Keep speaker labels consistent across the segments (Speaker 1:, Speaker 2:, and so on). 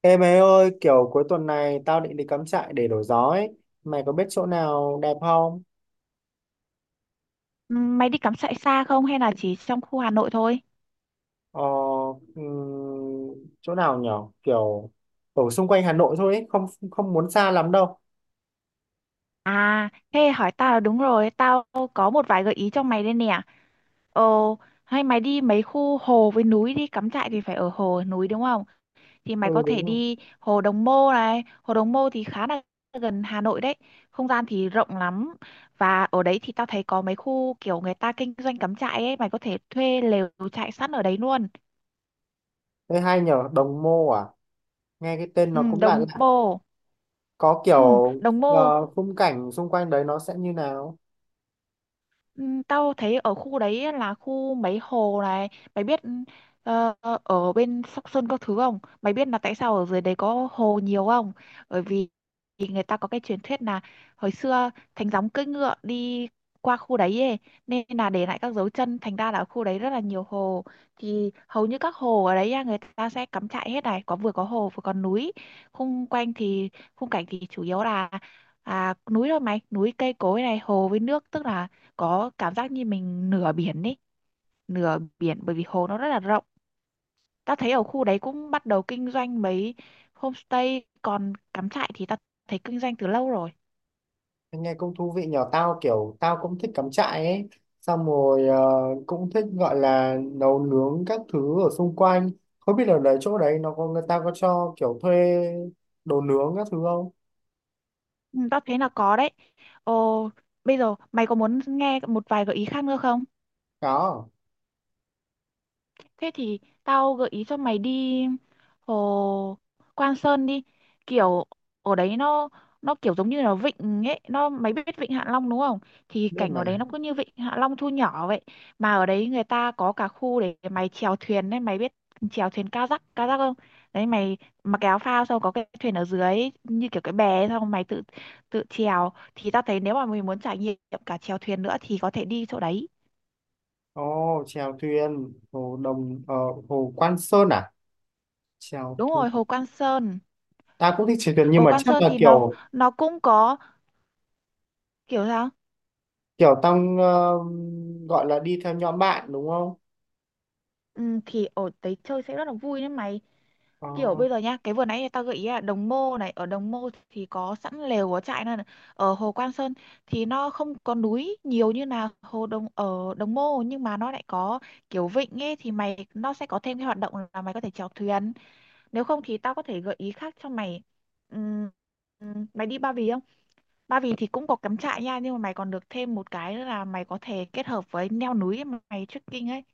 Speaker 1: Ê mày ơi, kiểu cuối tuần này tao định đi cắm trại để đổi gió ấy. Mày có biết chỗ nào đẹp không?
Speaker 2: Mày đi cắm trại xa không hay là chỉ trong khu Hà Nội thôi?
Speaker 1: Ờ, ừm, chỗ nào nhở? Kiểu ở xung quanh Hà Nội thôi ấy, không không muốn xa lắm đâu.
Speaker 2: À, thế hỏi tao là đúng rồi, tao có một vài gợi ý cho mày đây nè. Ồ, hay mày đi mấy khu hồ với núi đi, cắm trại thì phải ở hồ núi đúng không? Thì mày
Speaker 1: Ừ
Speaker 2: có thể
Speaker 1: đúng rồi.
Speaker 2: đi hồ Đồng Mô này, hồ Đồng Mô thì khá là gần Hà Nội đấy. Không gian thì rộng lắm và ở đấy thì tao thấy có mấy khu kiểu người ta kinh doanh cắm trại ấy, mày có thể thuê lều trại sẵn ở đấy luôn.
Speaker 1: Thế hay nhở, Đồng Mô à? Nghe cái tên
Speaker 2: Ừ,
Speaker 1: nó cũng lạ
Speaker 2: Đồng
Speaker 1: lạ.
Speaker 2: Mô.
Speaker 1: Có
Speaker 2: Ừ,
Speaker 1: kiểu
Speaker 2: Đồng Mô.
Speaker 1: khung cảnh xung quanh đấy nó sẽ như nào?
Speaker 2: Ừ, tao thấy ở khu đấy là khu mấy hồ này, mày biết ờ, ở bên Sóc Sơn các thứ không? Mày biết là tại sao ở dưới đấy có hồ nhiều không? Bởi vì thì người ta có cái truyền thuyết là hồi xưa Thánh Gióng cưỡi ngựa đi qua khu đấy ấy, nên là để lại các dấu chân, thành ra là ở khu đấy rất là nhiều hồ. Thì hầu như các hồ ở đấy á, người ta sẽ cắm trại hết này, có vừa có hồ vừa có núi. Khung quanh thì khung cảnh thì chủ yếu là à, núi thôi mày, núi cây cối này, hồ với nước, tức là có cảm giác như mình nửa biển ấy, nửa biển bởi vì hồ nó rất là rộng. Ta thấy ở khu đấy cũng bắt đầu kinh doanh mấy homestay, còn cắm trại thì ta thấy kinh doanh từ lâu rồi.
Speaker 1: Nghe cũng thú vị nhỏ, tao kiểu tao cũng thích cắm trại ấy, xong rồi cũng thích gọi là nấu nướng các thứ ở xung quanh. Không biết ở đấy, chỗ đấy nó có người ta có cho kiểu thuê đồ nướng các thứ không?
Speaker 2: Ừ, tao thấy là có đấy. Ồ, bây giờ mày có muốn nghe một vài gợi ý khác nữa không?
Speaker 1: Có,
Speaker 2: Thế thì tao gợi ý cho mày đi hồ Quan Sơn đi. Kiểu ở đấy nó kiểu giống như là vịnh ấy, nó mày biết vịnh Hạ Long đúng không? Thì
Speaker 1: biết
Speaker 2: cảnh
Speaker 1: mà.
Speaker 2: ở đấy nó cứ như vịnh Hạ Long thu nhỏ vậy. Mà ở đấy người ta có cả khu để mày chèo thuyền đấy, mày biết chèo thuyền kayak, kayak không? Đấy, mày mặc cái áo phao xong có cái thuyền ở dưới như kiểu cái bè ấy, xong mày tự tự chèo, thì tao thấy nếu mà mình muốn trải nghiệm cả chèo thuyền nữa thì có thể đi chỗ đấy.
Speaker 1: Ồ, chèo thuyền hồ đồng hồ Quan Sơn à? Chèo
Speaker 2: Đúng
Speaker 1: thuyền.
Speaker 2: rồi, hồ Quan Sơn.
Speaker 1: Ta cũng thích chèo thuyền nhưng
Speaker 2: Ồ,
Speaker 1: mà
Speaker 2: Quan
Speaker 1: chắc
Speaker 2: Sơn
Speaker 1: là
Speaker 2: thì nó
Speaker 1: kiểu
Speaker 2: nó cũng có kiểu sao?
Speaker 1: kiểu tao gọi là đi theo nhóm bạn đúng không?
Speaker 2: Ừ, thì ở đấy chơi sẽ rất là vui đấy mày.
Speaker 1: Ờ.
Speaker 2: Kiểu bây giờ nhá, cái vừa nãy tao gợi ý là Đồng Mô này, ở Đồng Mô thì có sẵn lều có trại, nên ở hồ Quan Sơn thì nó không có núi nhiều như là hồ Đồng ở Đồng Mô, nhưng mà nó lại có kiểu vịnh ấy, thì mày nó sẽ có thêm cái hoạt động là mày có thể chèo thuyền. Nếu không thì tao có thể gợi ý khác cho mày. Ừm, mày đi Ba Vì không? Ba Vì thì cũng có cắm trại nha, nhưng mà mày còn được thêm một cái nữa là mày có thể kết hợp với leo núi, mà mày trekking ấy.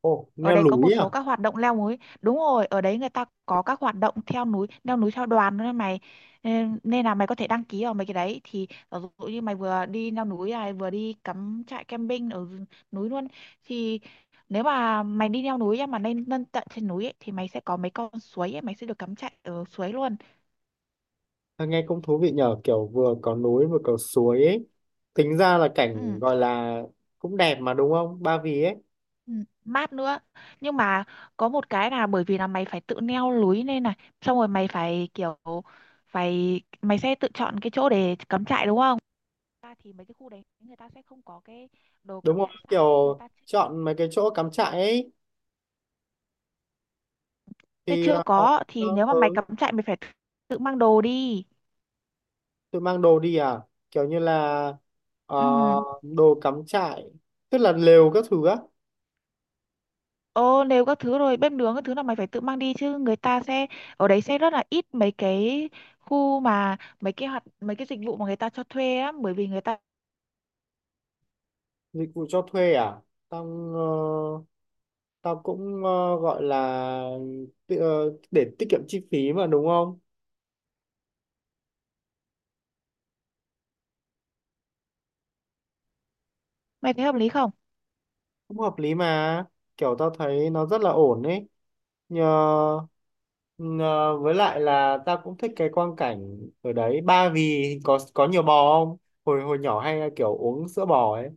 Speaker 1: Ồ,
Speaker 2: Ở
Speaker 1: leo
Speaker 2: đấy có
Speaker 1: núi
Speaker 2: một
Speaker 1: à?
Speaker 2: số các hoạt động leo núi. Đúng rồi, ở đấy người ta có các hoạt động theo núi, leo núi theo đoàn nữa mày. Nên nên là mày có thể đăng ký vào mấy cái đấy, thì ví dụ như mày vừa đi leo núi này, vừa đi cắm trại camping ở núi luôn, thì nếu mà mày đi leo núi á, mà lên lên tận trên núi ấy, thì mày sẽ có mấy con suối ấy, mày sẽ được cắm trại ở suối luôn.
Speaker 1: À, nghe cũng thú vị nhờ, kiểu vừa có núi vừa có suối ấy. Tính ra là
Speaker 2: Ừ.
Speaker 1: cảnh gọi là cũng đẹp mà đúng không? Ba Vì ấy.
Speaker 2: Ừ, mát nữa, nhưng mà có một cái là bởi vì là mày phải tự neo lưới lên này, xong rồi mày phải kiểu mày sẽ tự chọn cái chỗ để cắm trại đúng không, ta thì mấy cái khu đấy người ta sẽ không có cái đồ
Speaker 1: Đúng
Speaker 2: cắm
Speaker 1: không?
Speaker 2: trại sẵn đấy, người
Speaker 1: Kiểu
Speaker 2: ta
Speaker 1: chọn mấy cái chỗ cắm trại ấy
Speaker 2: sẽ
Speaker 1: thì
Speaker 2: chưa
Speaker 1: ờ,
Speaker 2: có, thì
Speaker 1: ờ,
Speaker 2: nếu mà
Speaker 1: ờ,
Speaker 2: mày cắm trại mày phải tự tự mang đồ đi.
Speaker 1: tôi mang đồ đi à? Kiểu như là ờ,
Speaker 2: Ừ
Speaker 1: đồ cắm trại, tức là lều các thứ á,
Speaker 2: ô Nếu các thứ rồi, bếp nướng các thứ là mày phải tự mang đi chứ, người ta sẽ ở đấy sẽ rất là ít mấy cái khu, mà mấy cái dịch vụ mà người ta cho thuê á, bởi vì người ta,
Speaker 1: dịch vụ cho thuê à? Tao ờ, tao cũng gọi là để tiết kiệm chi phí mà đúng không?
Speaker 2: mày thấy hợp lý không?
Speaker 1: Cũng hợp lý mà. Kiểu tao thấy nó rất là ổn ấy. Nhờ, nhờ, với lại là ta cũng thích cái quang cảnh ở đấy. Ba Vì có nhiều bò không? Hồi hồi nhỏ hay kiểu uống sữa bò ấy.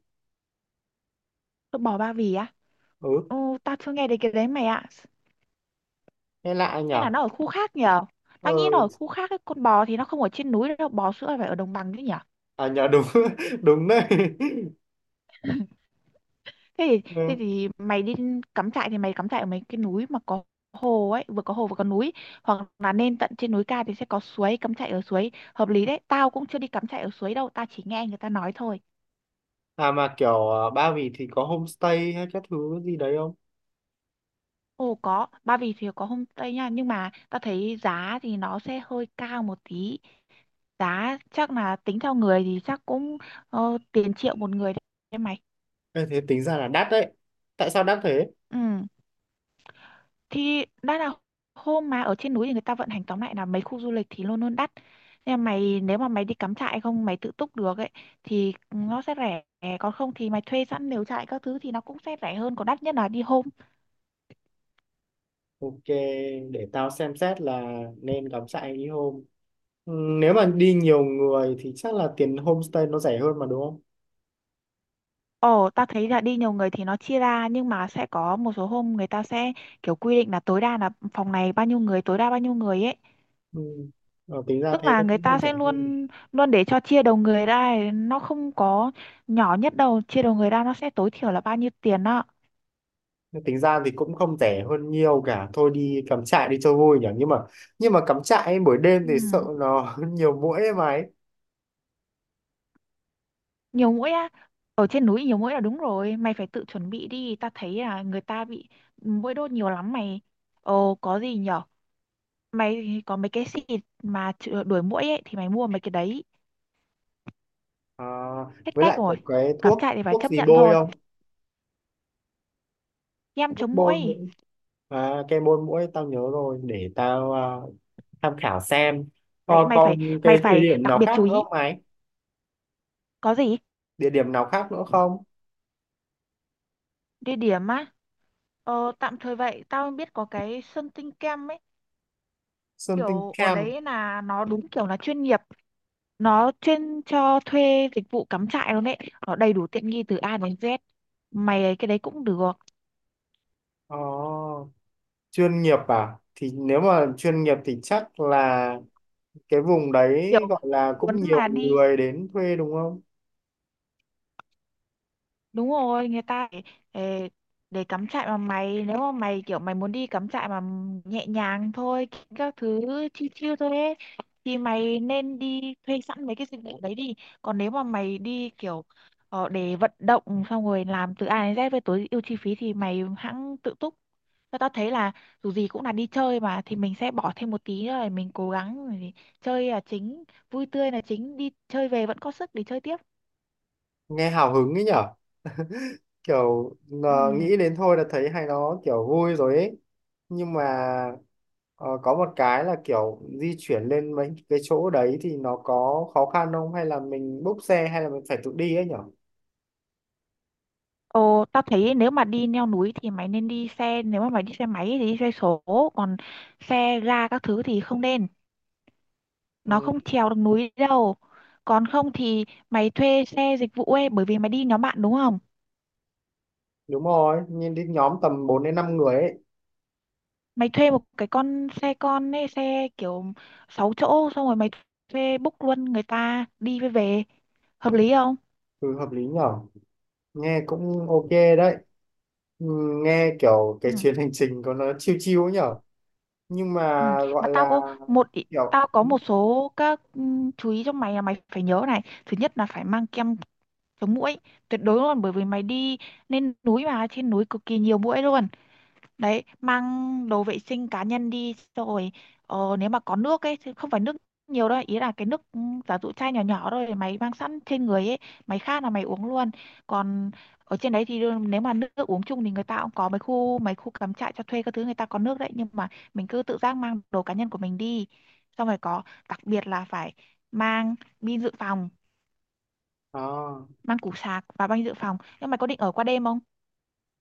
Speaker 2: Phở bò Ba Vì á?
Speaker 1: Ừ,
Speaker 2: Ồ, tao chưa nghe đến cái đấy mày ạ.
Speaker 1: nghe lạ nhỉ.
Speaker 2: Hay là nó ở khu khác nhở?
Speaker 1: Ờ,
Speaker 2: Tao nghĩ nó ở khu khác ấy, con bò thì nó không ở trên núi đâu, bò sữa phải ở đồng bằng chứ nhở?
Speaker 1: à nhờ đúng. Đúng đấy.
Speaker 2: Thế thì, thế
Speaker 1: Ừ.
Speaker 2: thì mày đi cắm trại thì mày cắm trại ở mấy cái núi mà có hồ ấy, vừa có hồ vừa có núi. Hoặc là lên tận trên núi cao thì sẽ có suối, cắm trại ở suối. Hợp lý đấy, tao cũng chưa đi cắm trại ở suối đâu, tao chỉ nghe người ta nói thôi.
Speaker 1: À mà kiểu Ba Vì thì có homestay hay các thứ gì đấy không?
Speaker 2: Ồ có, Ba Vì thì có homestay nha, nhưng mà tao thấy giá thì nó sẽ hơi cao một tí. Giá chắc là tính theo người, thì chắc cũng tiền triệu một người đấy mày.
Speaker 1: Ê, thế tính ra là đắt đấy, tại sao đắt thế?
Speaker 2: Ừ, thì đã là hôm mà ở trên núi thì người ta vận hành, tóm lại là mấy khu du lịch thì luôn luôn đắt, nhưng mà mày, nếu mà mày đi cắm trại không, mày tự túc được ấy thì nó sẽ rẻ, còn không thì mày thuê sẵn lều trại các thứ thì nó cũng sẽ rẻ hơn, còn đắt nhất là đi hôm.
Speaker 1: Ok, để tao xem xét là nên cắm trại đi hôm. Ừ, nếu mà đi nhiều người thì chắc là tiền homestay nó rẻ hơn mà đúng không?
Speaker 2: Ồ, ta thấy là đi nhiều người thì nó chia ra, nhưng mà sẽ có một số hôm người ta sẽ kiểu quy định là tối đa là phòng này bao nhiêu người, tối đa bao nhiêu người ấy,
Speaker 1: Ừ. Ờ, tính ra
Speaker 2: tức
Speaker 1: thế
Speaker 2: là
Speaker 1: nó
Speaker 2: người
Speaker 1: cũng
Speaker 2: ta
Speaker 1: không rẻ
Speaker 2: sẽ
Speaker 1: hơn.
Speaker 2: luôn luôn để cho chia đầu người ra ấy, nó không có nhỏ nhất đâu, chia đầu người ra nó sẽ tối thiểu là bao nhiêu tiền đó.
Speaker 1: Nhưng tính ra thì cũng không rẻ hơn nhiều cả, thôi đi cắm trại đi cho vui nhỉ. Nhưng mà, nhưng mà cắm trại ấy, buổi đêm
Speaker 2: Ừ.
Speaker 1: thì sợ nó nhiều muỗi ấy mà ấy.
Speaker 2: Nhiều mũi á, ở trên núi nhiều mũi là đúng rồi, mày phải tự chuẩn bị đi, ta thấy là người ta bị mũi đốt nhiều lắm mày. Ồ, có gì nhở, mày có mấy cái xịt mà đuổi muỗi ấy, thì mày mua mấy cái đấy,
Speaker 1: À,
Speaker 2: hết
Speaker 1: với
Speaker 2: cách
Speaker 1: lại có
Speaker 2: rồi,
Speaker 1: cái
Speaker 2: cắm
Speaker 1: thuốc
Speaker 2: trại thì phải
Speaker 1: thuốc
Speaker 2: chấp
Speaker 1: gì
Speaker 2: nhận
Speaker 1: bôi
Speaker 2: thôi.
Speaker 1: không?
Speaker 2: Em
Speaker 1: Thuốc
Speaker 2: chống
Speaker 1: bôi
Speaker 2: muỗi,
Speaker 1: muỗi. À, cái bôi muỗi tao nhớ rồi, để tao à, tham khảo xem. Ờ,
Speaker 2: đấy mày
Speaker 1: còn
Speaker 2: phải
Speaker 1: cái
Speaker 2: mày
Speaker 1: địa
Speaker 2: phải
Speaker 1: điểm
Speaker 2: đặc
Speaker 1: nào
Speaker 2: biệt
Speaker 1: khác
Speaker 2: chú
Speaker 1: nữa
Speaker 2: ý,
Speaker 1: không ấy?
Speaker 2: có gì.
Speaker 1: Địa điểm nào khác nữa không?
Speaker 2: Địa điểm á, ờ, tạm thời vậy tao biết có cái sân tinh kem ấy,
Speaker 1: Something
Speaker 2: kiểu ở
Speaker 1: Camp.
Speaker 2: đấy là nó đúng kiểu là chuyên nghiệp, nó chuyên cho thuê dịch vụ cắm trại luôn ấy, nó đầy đủ tiện nghi từ A đến Z mày ấy, cái đấy cũng được.
Speaker 1: Ồ, chuyên nghiệp à? Thì nếu mà chuyên nghiệp thì chắc là cái vùng đấy
Speaker 2: Kiểu
Speaker 1: gọi là
Speaker 2: muốn
Speaker 1: cũng nhiều
Speaker 2: mà đi,
Speaker 1: người đến thuê đúng không?
Speaker 2: đúng rồi, người ta để, để cắm trại mà mày, nếu mà mày kiểu mày muốn đi cắm trại mà nhẹ nhàng thôi, các thứ chill chill thôi ấy, thì mày nên đi thuê sẵn mấy cái dịch vụ đấy đi. Còn nếu mà mày đi kiểu để vận động, xong rồi làm từ A đến Z với tối ưu chi phí, thì mày hãng tự túc. Và tao thấy là dù gì cũng là đi chơi mà, thì mình sẽ bỏ thêm một tí nữa để mình cố gắng để chơi là chính, vui tươi là chính, đi chơi về vẫn có sức để chơi tiếp.
Speaker 1: Nghe hào hứng ấy nhở, kiểu
Speaker 2: Ừ.
Speaker 1: nghĩ đến thôi là thấy hay, nó kiểu vui rồi ấy. Nhưng mà ờ, có một cái là kiểu di chuyển lên mấy cái chỗ đấy thì nó có khó khăn không, hay là mình búc xe hay là mình phải tự đi ấy nhở?
Speaker 2: Ồ, tao thấy nếu mà đi leo núi thì mày nên đi xe, nếu mà mày đi xe máy thì đi xe số, còn xe ga các thứ thì không nên, nó
Speaker 1: Ừ,
Speaker 2: không trèo được núi đâu. Còn không thì mày thuê xe dịch vụ ấy, bởi vì mày đi nhóm bạn đúng không?
Speaker 1: đúng rồi, nhìn đến nhóm tầm 4 đến 5 người ấy.
Speaker 2: Mày thuê một cái con xe con ấy, xe kiểu 6 chỗ, xong rồi mày thuê book luôn người ta đi với về, hợp lý không?
Speaker 1: Ừ, hợp lý nhở. Nghe cũng ok đấy. Ừ, nghe kiểu
Speaker 2: Ừ,
Speaker 1: cái chuyến hành trình của nó chill chill ấy nhở. Nhưng
Speaker 2: ừ.
Speaker 1: mà
Speaker 2: Mà
Speaker 1: gọi
Speaker 2: tao
Speaker 1: là
Speaker 2: có một ý-
Speaker 1: kiểu
Speaker 2: tao có một số các chú ý cho mày là mày phải nhớ này. Thứ nhất là phải mang kem chống muỗi tuyệt đối luôn, bởi vì mày đi lên núi mà trên núi cực kỳ nhiều muỗi luôn đấy. Mang đồ vệ sinh cá nhân đi, xong rồi nếu mà có nước ấy, chứ không phải nước nhiều đâu, ý là cái nước giả dụ chai nhỏ nhỏ thôi mày mang sẵn trên người ấy, mày khát là mày uống luôn. Còn ở trên đấy thì nếu mà nước, nước uống chung thì người ta cũng có mấy khu cắm trại cho thuê các thứ, người ta có nước đấy, nhưng mà mình cứ tự giác mang đồ cá nhân của mình đi, xong rồi có, đặc biệt là phải mang pin dự phòng,
Speaker 1: à,
Speaker 2: mang củ sạc và banh dự phòng. Nhưng mày có định ở qua đêm không?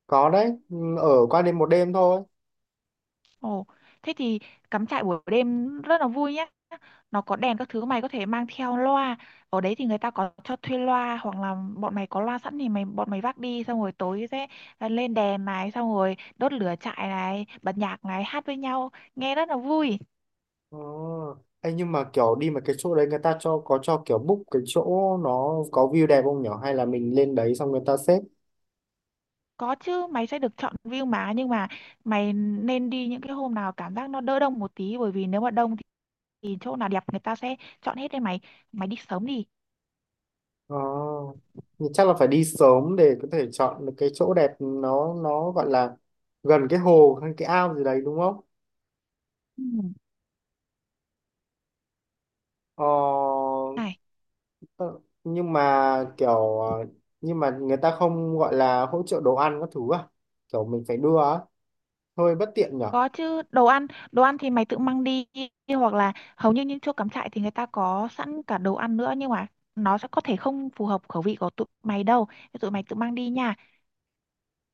Speaker 1: có đấy. Ừ, ở qua đêm một đêm thôi.
Speaker 2: Ồ, thế thì cắm trại buổi đêm rất là vui nhá. Nó có đèn các thứ, mày có thể mang theo loa, ở đấy thì người ta có cho thuê loa hoặc là bọn mày có loa sẵn, thì bọn mày vác đi, xong rồi tối sẽ lên đèn này, xong rồi đốt lửa trại này, bật nhạc này, hát với nhau nghe rất là vui.
Speaker 1: Ờ. Ê, nhưng mà kiểu đi mà cái chỗ đấy người ta cho, có cho kiểu book cái chỗ, nó có view đẹp không nhở, hay là mình lên đấy xong người ta xếp?
Speaker 2: Có chứ, mày sẽ được chọn view mà, nhưng mà mày nên đi những cái hôm nào cảm giác nó đỡ đông một tí, bởi vì nếu mà đông thì chỗ nào đẹp người ta sẽ chọn hết đấy mày, mày đi sớm đi.
Speaker 1: Ờ. Nhưng chắc là phải đi sớm để có thể chọn được cái chỗ đẹp, nó gọi là gần cái hồ hay cái ao gì đấy đúng không?
Speaker 2: Ừ.
Speaker 1: Ờ.
Speaker 2: Này,
Speaker 1: Ờ, nhưng mà kiểu nhưng mà người ta không gọi là hỗ trợ đồ ăn các thứ à? Kiểu mình phải đưa á, hơi bất tiện nhở.
Speaker 2: có chứ, đồ ăn, đồ ăn thì mày tự mang đi, hoặc là hầu như những chỗ cắm trại thì người ta có sẵn cả đồ ăn nữa, nhưng mà nó sẽ có thể không phù hợp khẩu vị của tụi mày đâu, thế tụi mày tự mang đi nha.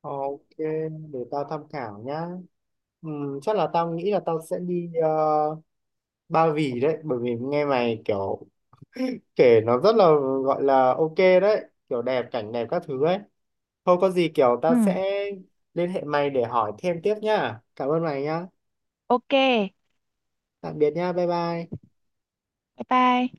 Speaker 1: Ờ, ok, để tao tham khảo nhá. Chắc là tao nghĩ là tao sẽ đi Ba Vì đấy, bởi vì nghe mày kiểu kể nó rất là gọi là ok đấy, kiểu đẹp, cảnh đẹp các thứ ấy. Thôi có gì kiểu tao
Speaker 2: Ừ,
Speaker 1: sẽ liên hệ mày để hỏi thêm tiếp nhá, cảm ơn mày nhá.
Speaker 2: ok, bye
Speaker 1: Tạm biệt nhá, bye bye
Speaker 2: bye.